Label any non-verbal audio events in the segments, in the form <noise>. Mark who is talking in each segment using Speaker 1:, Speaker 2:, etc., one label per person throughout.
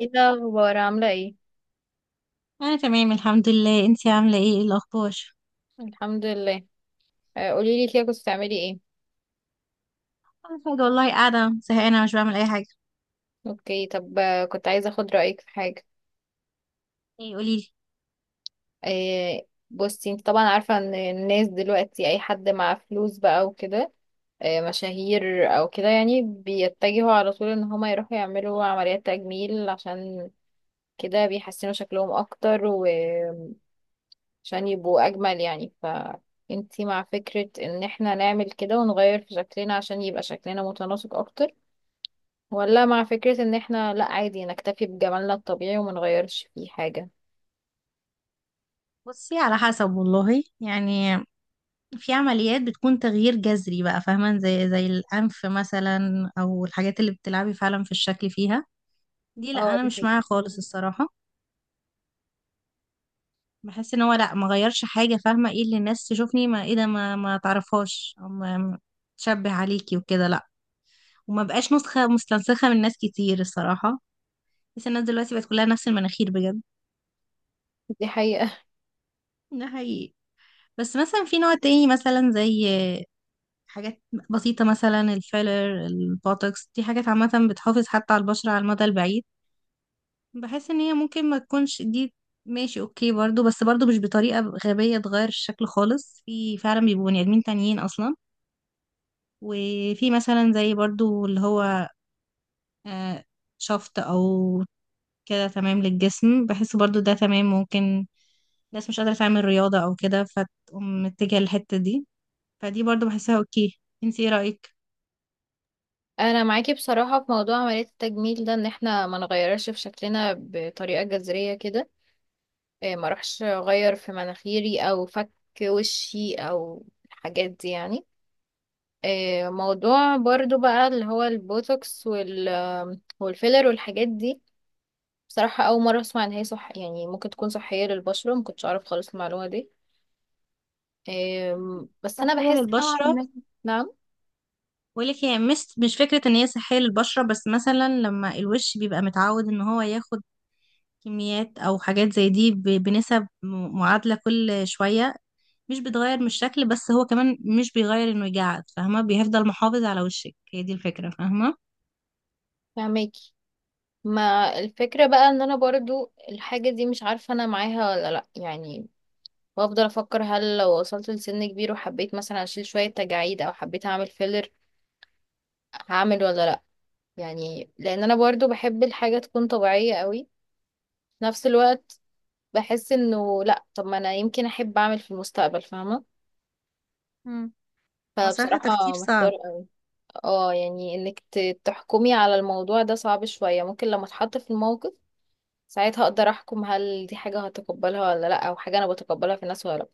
Speaker 1: ايه الاخبار؟ عامله ايه؟
Speaker 2: انا تمام الحمد لله. انتي عامله ايه؟ إيه الاخبار؟
Speaker 1: الحمد لله. قولي لي كده، كنت بتعملي ايه؟
Speaker 2: انا حاجه والله، قاعده زهقانه، مش بعمل اي حاجه.
Speaker 1: اوكي. طب كنت عايزه اخد رايك في حاجه.
Speaker 2: ايه؟ قوليلي.
Speaker 1: بصي، انت طبعا عارفه ان الناس دلوقتي اي حد مع فلوس بقى وكده، مشاهير او كده، يعني بيتجهوا على طول ان هما يروحوا يعملوا عمليات تجميل عشان كده، بيحسنوا شكلهم اكتر وعشان يبقوا اجمل يعني. ف انتي مع فكرة ان احنا نعمل كده ونغير في شكلنا عشان يبقى شكلنا متناسق اكتر، ولا مع فكرة ان احنا لا، عادي نكتفي بجمالنا الطبيعي وما نغيرش فيه حاجة؟
Speaker 2: بصي، على حسب والله يعني. في عمليات بتكون تغيير جذري بقى، فاهمه، زي الانف مثلا او الحاجات اللي بتلعبي فعلا في الشكل فيها. دي، لا،
Speaker 1: اه،
Speaker 2: انا
Speaker 1: دي
Speaker 2: مش
Speaker 1: حقيقة.
Speaker 2: معاها خالص الصراحه. بحس ان هو، لا، ما غيرش حاجه، فاهمه؟ ايه اللي الناس تشوفني، ما ايه ده، ما ما تعرفهاش او ما ما تشبه عليكي وكده، لا. وما بقاش نسخه مستنسخه من ناس كتير الصراحه. بس الناس دلوقتي بقت كلها نفس المناخير بجد.
Speaker 1: دي حقيقة.
Speaker 2: ده حقيقي. بس مثلا في نوع تاني، مثلا زي حاجات بسيطة مثلا الفيلر، البوتوكس، دي حاجات عامة بتحافظ حتى على البشرة على المدى البعيد. بحس ان هي ممكن ما تكونش دي ماشي، اوكي برضو، بس برضو مش بطريقة غبية تغير الشكل خالص. في فعلا بيبقوا بني ادمين تانيين اصلا. وفي مثلا زي برضو اللي هو آه، شفط او كده، تمام للجسم. بحس برضو ده تمام، ممكن ناس مش قادرة تعمل رياضة او كده فتقوم متجهة للحتة دي. فدي برضو بحسها اوكي. انت ايه رأيك؟
Speaker 1: <laughs> انا معاكي بصراحة في موضوع عملية التجميل ده، ان احنا ما نغيرش في شكلنا بطريقة جذرية كده. ما اروحش اغير في مناخيري او فك وشي او الحاجات دي يعني. موضوع برضو بقى اللي هو البوتوكس وال والفيلر والحاجات دي، بصراحة أول مرة أسمع إن هي صح، يعني ممكن تكون صحية للبشرة، مكنتش أعرف خالص المعلومة دي. بس انا
Speaker 2: صحية
Speaker 1: بحس نوعا
Speaker 2: للبشرة؟
Speaker 1: ما. نعم.
Speaker 2: بقول لك هي مش فكرة ان هي صحية للبشرة، بس مثلا لما الوش بيبقى متعود ان هو ياخد كميات او حاجات زي دي ب- بنسب م- معادلة كل شوية، مش بتغير من الشكل، بس هو كمان مش بيغير انه يجعد، فاهمة. بيفضل محافظ على وشك، هي دي الفكرة فاهمة.
Speaker 1: فهماكي. ما الفكرة بقى ان انا برضو الحاجة دي مش عارفة انا معاها ولا لا يعني. بفضل افكر، هل لو وصلت لسن كبير وحبيت مثلا اشيل شوية تجاعيد او حبيت اعمل فيلر هعمل ولا لا؟ يعني لان انا برضو بحب الحاجة تكون طبيعية قوي، في نفس الوقت بحس انه لا، طب ما انا يمكن احب اعمل في المستقبل فاهمة.
Speaker 2: مم. هو صراحة تفكير
Speaker 1: فبصراحة محتار
Speaker 2: صعب.
Speaker 1: قوي. اه، يعني انك تحكمي على الموضوع ده صعب شوية. ممكن لما اتحط في الموقف ساعتها اقدر احكم، هل دي حاجة هتقبلها ولا لا، او حاجة انا بتقبلها في الناس ولا لا.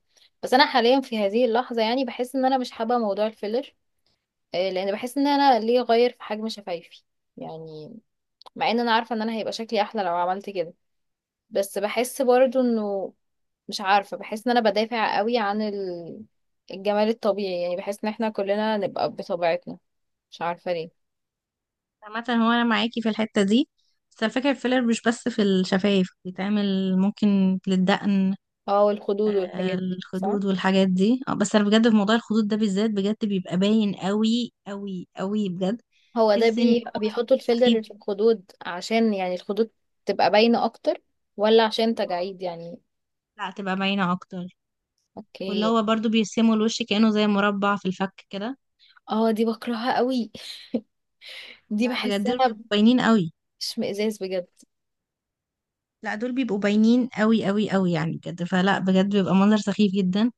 Speaker 1: بس انا حاليا في هذه اللحظة يعني بحس ان انا مش حابة موضوع الفيلر. لان بحس ان انا ليه اغير في حجم شفايفي يعني، مع ان انا عارفة ان انا هيبقى شكلي احلى لو عملت كده. بس بحس برضو انه، مش عارفة، بحس ان انا بدافع قوي عن الجمال الطبيعي، يعني بحس ان احنا كلنا نبقى بطبيعتنا. مش عارفة ليه.
Speaker 2: عامة هو أنا معاكي في الحتة دي، بس الفكرة الفيلر مش بس في الشفايف بيتعمل، ممكن للدقن.
Speaker 1: اه، والخدود والحاجات دي صح.
Speaker 2: الخدود والحاجات دي. بس انا بجد في موضوع الخدود ده بالذات بجد بيبقى باين قوي قوي قوي بجد.
Speaker 1: هو ده
Speaker 2: تحس ان هو
Speaker 1: بيحطوا
Speaker 2: سخيف.
Speaker 1: الفيلر في الخدود عشان يعني الخدود تبقى باينة اكتر، ولا عشان تجاعيد يعني؟
Speaker 2: لا، تبقى باينه اكتر. واللي
Speaker 1: اوكي.
Speaker 2: هو برضو بيرسموا الوش كأنه زي مربع في الفك كده.
Speaker 1: اه، دي بكرهها قوي. دي
Speaker 2: لا، بجد دول
Speaker 1: بحسها
Speaker 2: بيبقوا باينين قوي.
Speaker 1: اشمئزاز بجد.
Speaker 2: لا، دول بيبقوا باينين قوي قوي قوي يعني بجد. فلا بجد بيبقى منظر سخيف جدا.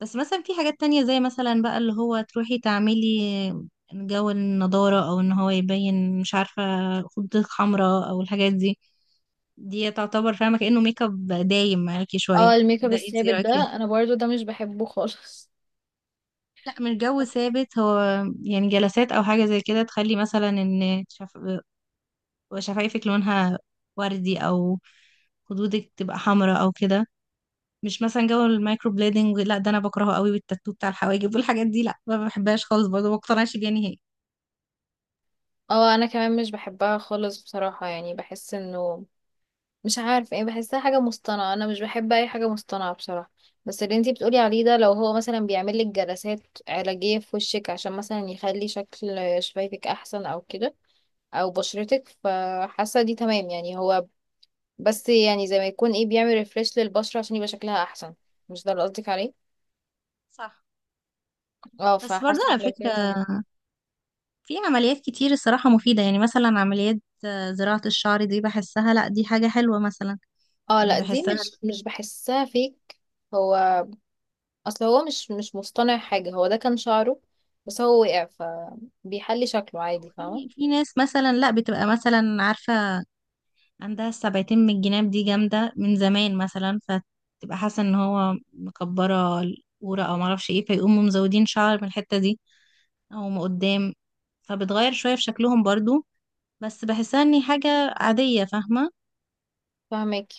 Speaker 2: بس مثلا في حاجات تانية، زي مثلا بقى اللي هو تروحي تعملي جو النضارة، او ان هو يبين، مش عارفة، خدودك حمراء او الحاجات دي. دي تعتبر فاهمة كأنه ميك اب دايم معاكي شوية.
Speaker 1: اه، الميك اب
Speaker 2: ده انت ايه
Speaker 1: الثابت
Speaker 2: رأيك
Speaker 1: ده،
Speaker 2: فيه؟
Speaker 1: انا برضو ده مش بحبه خالص.
Speaker 2: لا، مش جو
Speaker 1: <laughs>
Speaker 2: ثابت هو. يعني جلسات او حاجة زي كده تخلي مثلا ان شفايفك لونها وردي، او خدودك تبقى حمراء او كده. مش مثلا جو المايكرو بليدنج، لا، ده انا بكرهه قوي. والتاتو بتاع الحواجب والحاجات دي لا، ما بحبهاش خالص برضه، ما بقتنعش بيها نهائي.
Speaker 1: اه، انا كمان مش بحبها خالص بصراحة، يعني بحس انه مش عارفة ايه، بحسها حاجة مصطنعة. انا مش بحب اي حاجة مصطنعة بصراحة. بس اللي انتي بتقولي عليه ده لو هو مثلا بيعمل لك جلسات علاجية في وشك عشان مثلا يخلي شكل شفايفك احسن او كده، او بشرتك، فحاسه دي تمام يعني. هو بس يعني زي ما يكون ايه، بيعمل ريفريش للبشره عشان يبقى شكلها احسن، مش ده اللي قصدك عليه؟
Speaker 2: صح.
Speaker 1: اه،
Speaker 2: بس برضه
Speaker 1: فحاسه
Speaker 2: على
Speaker 1: إن لو كده
Speaker 2: فكرة،
Speaker 1: تمام.
Speaker 2: في عمليات كتير الصراحة مفيدة، يعني مثلا عمليات زراعة الشعر دي بحسها، لا، دي حاجة حلوة مثلا.
Speaker 1: اه لا، دي
Speaker 2: بحسها.
Speaker 1: مش بحسها فيك. هو اصل هو مش مصطنع حاجه، هو ده كان شعره، بس هو وقع فبيحلي شكله عادي فاهمه.
Speaker 2: في في ناس مثلا لا بتبقى مثلا عارفة عندها السبعتين من الجناب دي جامدة من زمان مثلا، فتبقى حاسة ان هو مكبرة القورة او معرفش ايه، فيقوموا مزودين شعر من الحتة دي او من قدام. فبتغير شوية في شكلهم برضو. بس بحسها اني حاجة عادية فاهمة.
Speaker 1: فاهمك.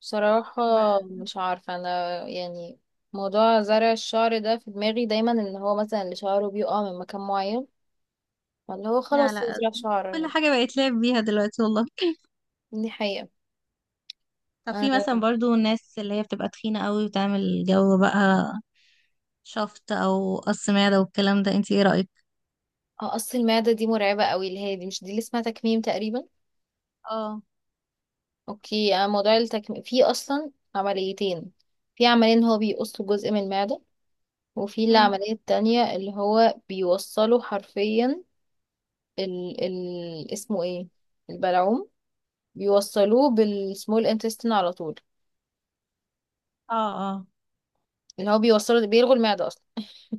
Speaker 1: بصراحه
Speaker 2: ب-
Speaker 1: مش عارفه انا يعني، موضوع زرع الشعر ده في دماغي دايما ان هو مثلا اللي شعره بيقع من مكان معين فاللي هو
Speaker 2: لا،
Speaker 1: خلاص
Speaker 2: لا،
Speaker 1: يزرع
Speaker 2: كل
Speaker 1: شعر.
Speaker 2: حاجة بقت لعب بيها دلوقتي والله.
Speaker 1: دي حقيقة.
Speaker 2: طب في مثلا
Speaker 1: آه،
Speaker 2: برضو الناس اللي هي بتبقى تخينة قوي وتعمل جو بقى شفط او قص معدة والكلام ده، انت ايه رأيك؟
Speaker 1: قص المعدة دي مرعبة قوي، اللي هي دي، مش دي اللي اسمها تكميم تقريبا؟
Speaker 2: اه.
Speaker 1: اوكي. موضوع التكميم في اصلا عمليتين. في عملية ان هو بيقص جزء من المعدة، وفي
Speaker 2: مم.
Speaker 1: العملية التانية اللي هو بيوصله حرفيا ال اسمه ايه، البلعوم، بيوصلوه بالسمول انتستين على طول.
Speaker 2: اه، اه.
Speaker 1: اللي هو بيوصله بيلغوا المعدة اصلا.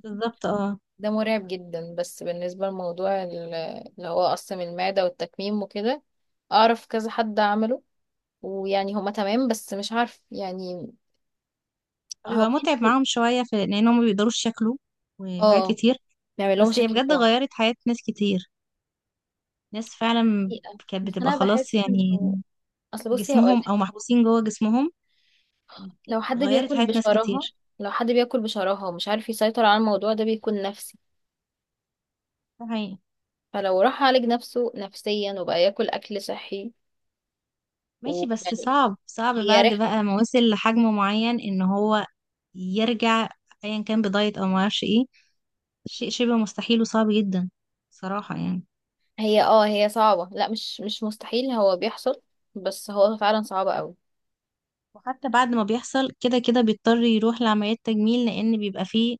Speaker 2: بالظبط، اه.
Speaker 1: ده مرعب جدا. بس بالنسبة لموضوع اللي هو قص من المعدة والتكميم وكده، اعرف كذا حد عمله، ويعني هما تمام، بس مش عارف يعني. هو
Speaker 2: فبيبقى
Speaker 1: في ناس
Speaker 2: متعب معاهم شوية، في لأن هم ما بيقدروش ياكلوا وحاجات
Speaker 1: اه،
Speaker 2: كتير.
Speaker 1: بيعمل لهم
Speaker 2: بس هي
Speaker 1: مشاكل
Speaker 2: بجد
Speaker 1: طبعا.
Speaker 2: غيرت حياة ناس كتير، ناس فعلا
Speaker 1: حقيقة.
Speaker 2: كانت
Speaker 1: بس
Speaker 2: بتبقى
Speaker 1: انا بحس
Speaker 2: خلاص يعني
Speaker 1: انه، اصل بصي هقول
Speaker 2: جسمهم،
Speaker 1: لك،
Speaker 2: أو محبوسين جوه جسمهم.
Speaker 1: لو حد
Speaker 2: غيرت
Speaker 1: بياكل
Speaker 2: حياة ناس
Speaker 1: بشراهة،
Speaker 2: كتير.
Speaker 1: لو حد بياكل بشراهة ومش عارف يسيطر على الموضوع ده، بيكون نفسي.
Speaker 2: ده حقيقي.
Speaker 1: فلو راح عالج نفسه نفسيا وبقى ياكل اكل صحي
Speaker 2: ماشي، بس
Speaker 1: ويعني،
Speaker 2: صعب صعب
Speaker 1: هي
Speaker 2: بعد
Speaker 1: رحلة.
Speaker 2: بقى ما وصل لحجم معين إن هو يرجع أيا كان بدايت أو معرفش إيه، شيء شبه مستحيل وصعب جدا صراحة يعني.
Speaker 1: هي اه، هي صعبة، لا مش مستحيل، هو بيحصل، بس هو فعلا صعب قوي.
Speaker 2: وحتى بعد ما بيحصل كده كده بيضطر يروح لعمليات تجميل، لأن بيبقى فيه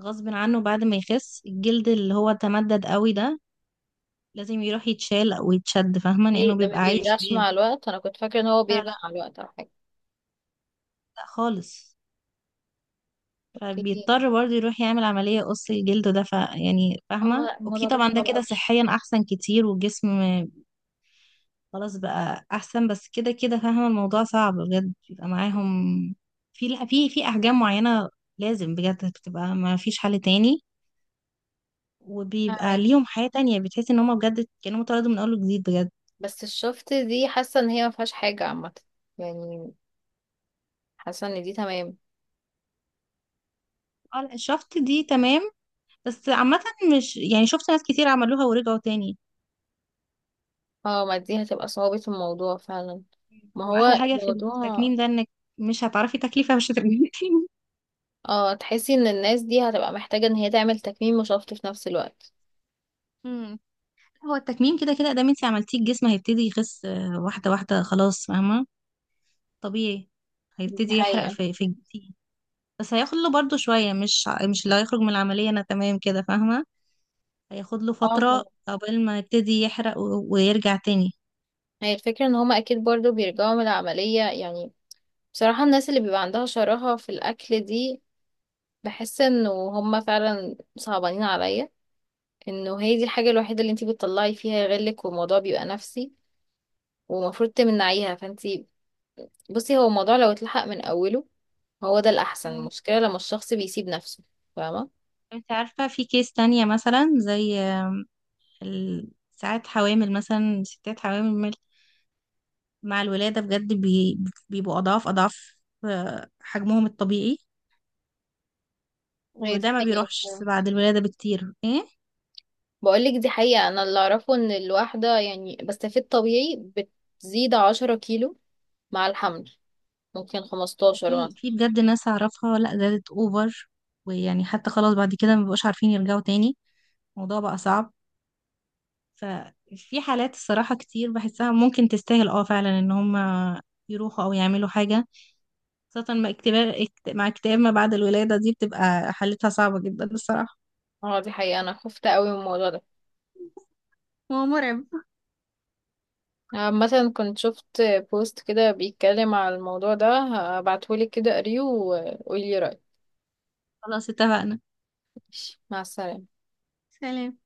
Speaker 2: غصب عنه، بعد ما يخس الجلد اللي هو تمدد قوي ده لازم يروح يتشال او يتشد فاهمة، لانه
Speaker 1: ايه ده، ما
Speaker 2: بيبقى عايش
Speaker 1: بيرجعش
Speaker 2: بيه.
Speaker 1: مع الوقت؟ انا كنت فاكرة ان هو
Speaker 2: لا،
Speaker 1: بيرجع
Speaker 2: لا،
Speaker 1: مع الوقت او حاجة.
Speaker 2: لا خالص.
Speaker 1: اوكي.
Speaker 2: فبيضطر برضه يروح يعمل عملية قص الجلد ده، ف يعني
Speaker 1: اه
Speaker 2: فاهمة،
Speaker 1: لا،
Speaker 2: اوكي
Speaker 1: الموضوع ده
Speaker 2: طبعا، ده
Speaker 1: صعب
Speaker 2: كده
Speaker 1: قوي.
Speaker 2: صحيا احسن كتير والجسم. خلاص بقى احسن. بس كده كده فاهمة الموضوع صعب بجد بيبقى معاهم، في احجام معينة لازم بجد بتبقى، ما فيش حل تاني. وبيبقى
Speaker 1: فاهمك.
Speaker 2: ليهم حياة تانية بتحس ان هما بجد كانوا اتولدوا من اول وجديد بجد.
Speaker 1: بس الشفت دي حاسه ان هي ما فيهاش حاجه عامه يعني، حاسه ان دي تمام.
Speaker 2: اه، لا، شفت دي تمام. بس عامة، مش يعني، شفت ناس كتير عملوها ورجعوا تاني.
Speaker 1: اه، ما دي هتبقى صعوبة الموضوع فعلا. ما
Speaker 2: هو
Speaker 1: هو
Speaker 2: أحلى حاجة في
Speaker 1: الموضوع،
Speaker 2: التكميم ده إنك مش هتعرفي تكلفة، مش هترجعي تاني.
Speaker 1: اه تحسي ان الناس دي هتبقى محتاجه ان هي تعمل تكميم وشفط في نفس الوقت.
Speaker 2: امم هو التكميم كده كده دام انت عملتيه، الجسم هيبتدي يخس واحدة واحدة خلاص فاهمة. طبيعي.
Speaker 1: دي
Speaker 2: هيبتدي يحرق
Speaker 1: حقيقه.
Speaker 2: في في الجسم. بس هياخد له برضه شوية، مش اللي هيخرج من العملية أنا تمام كده فاهمة. هياخد له
Speaker 1: اه طبعا.
Speaker 2: فترة قبل ما يبتدي يحرق ويرجع تاني.
Speaker 1: هي الفكره ان هما اكيد برضو بيرجعوا من العمليه يعني. بصراحه الناس اللي بيبقى عندها شراهه في الاكل دي، بحس انه هما فعلا صعبانين عليا، انه هي دي الحاجه الوحيده اللي انتي بتطلعي فيها غلك، والموضوع بيبقى نفسي ومفروض تمنعيها. فانتي بصي، هو الموضوع لو اتلحق من اوله هو ده الاحسن.
Speaker 2: مم.
Speaker 1: المشكله لما الشخص بيسيب نفسه، فاهمه.
Speaker 2: انت عارفة في كيس تانية مثلا زي ال- ساعات حوامل مثلا ستات حوامل مع الولادة بجد بيبقوا أضعاف أضعاف حجمهم الطبيعي.
Speaker 1: هي دي
Speaker 2: وده ما
Speaker 1: حقيقه
Speaker 2: بيروحش
Speaker 1: بصراحه.
Speaker 2: بعد الولادة بكتير ايه.
Speaker 1: بقولك دي حقيقه، انا اللي اعرفه ان الواحده يعني بس في الطبيعي بتزيد 10 كيلو مع الحمل، ممكن
Speaker 2: لا،
Speaker 1: 15
Speaker 2: في
Speaker 1: مثلا.
Speaker 2: في بجد ناس أعرفها لا زادت أوفر. ويعني حتى خلاص بعد كده ما بيبقوش عارفين يرجعوا تاني. الموضوع بقى صعب. ففي حالات الصراحة كتير بحسها ممكن تستاهل، اه فعلا، ان هم يروحوا او يعملوا حاجة. خاصة مع اكتئاب ما بعد الولادة دي بتبقى حالتها صعبة جدا الصراحة.
Speaker 1: اه دي حقيقه، انا خفت قوي من الموضوع ده.
Speaker 2: هو مرعب.
Speaker 1: مثلا كنت شفت بوست كده بيتكلم على الموضوع ده، هبعتهولك كده قريه وقولي رايك.
Speaker 2: خلاص اتفقنا.
Speaker 1: مع السلامه.
Speaker 2: سلام.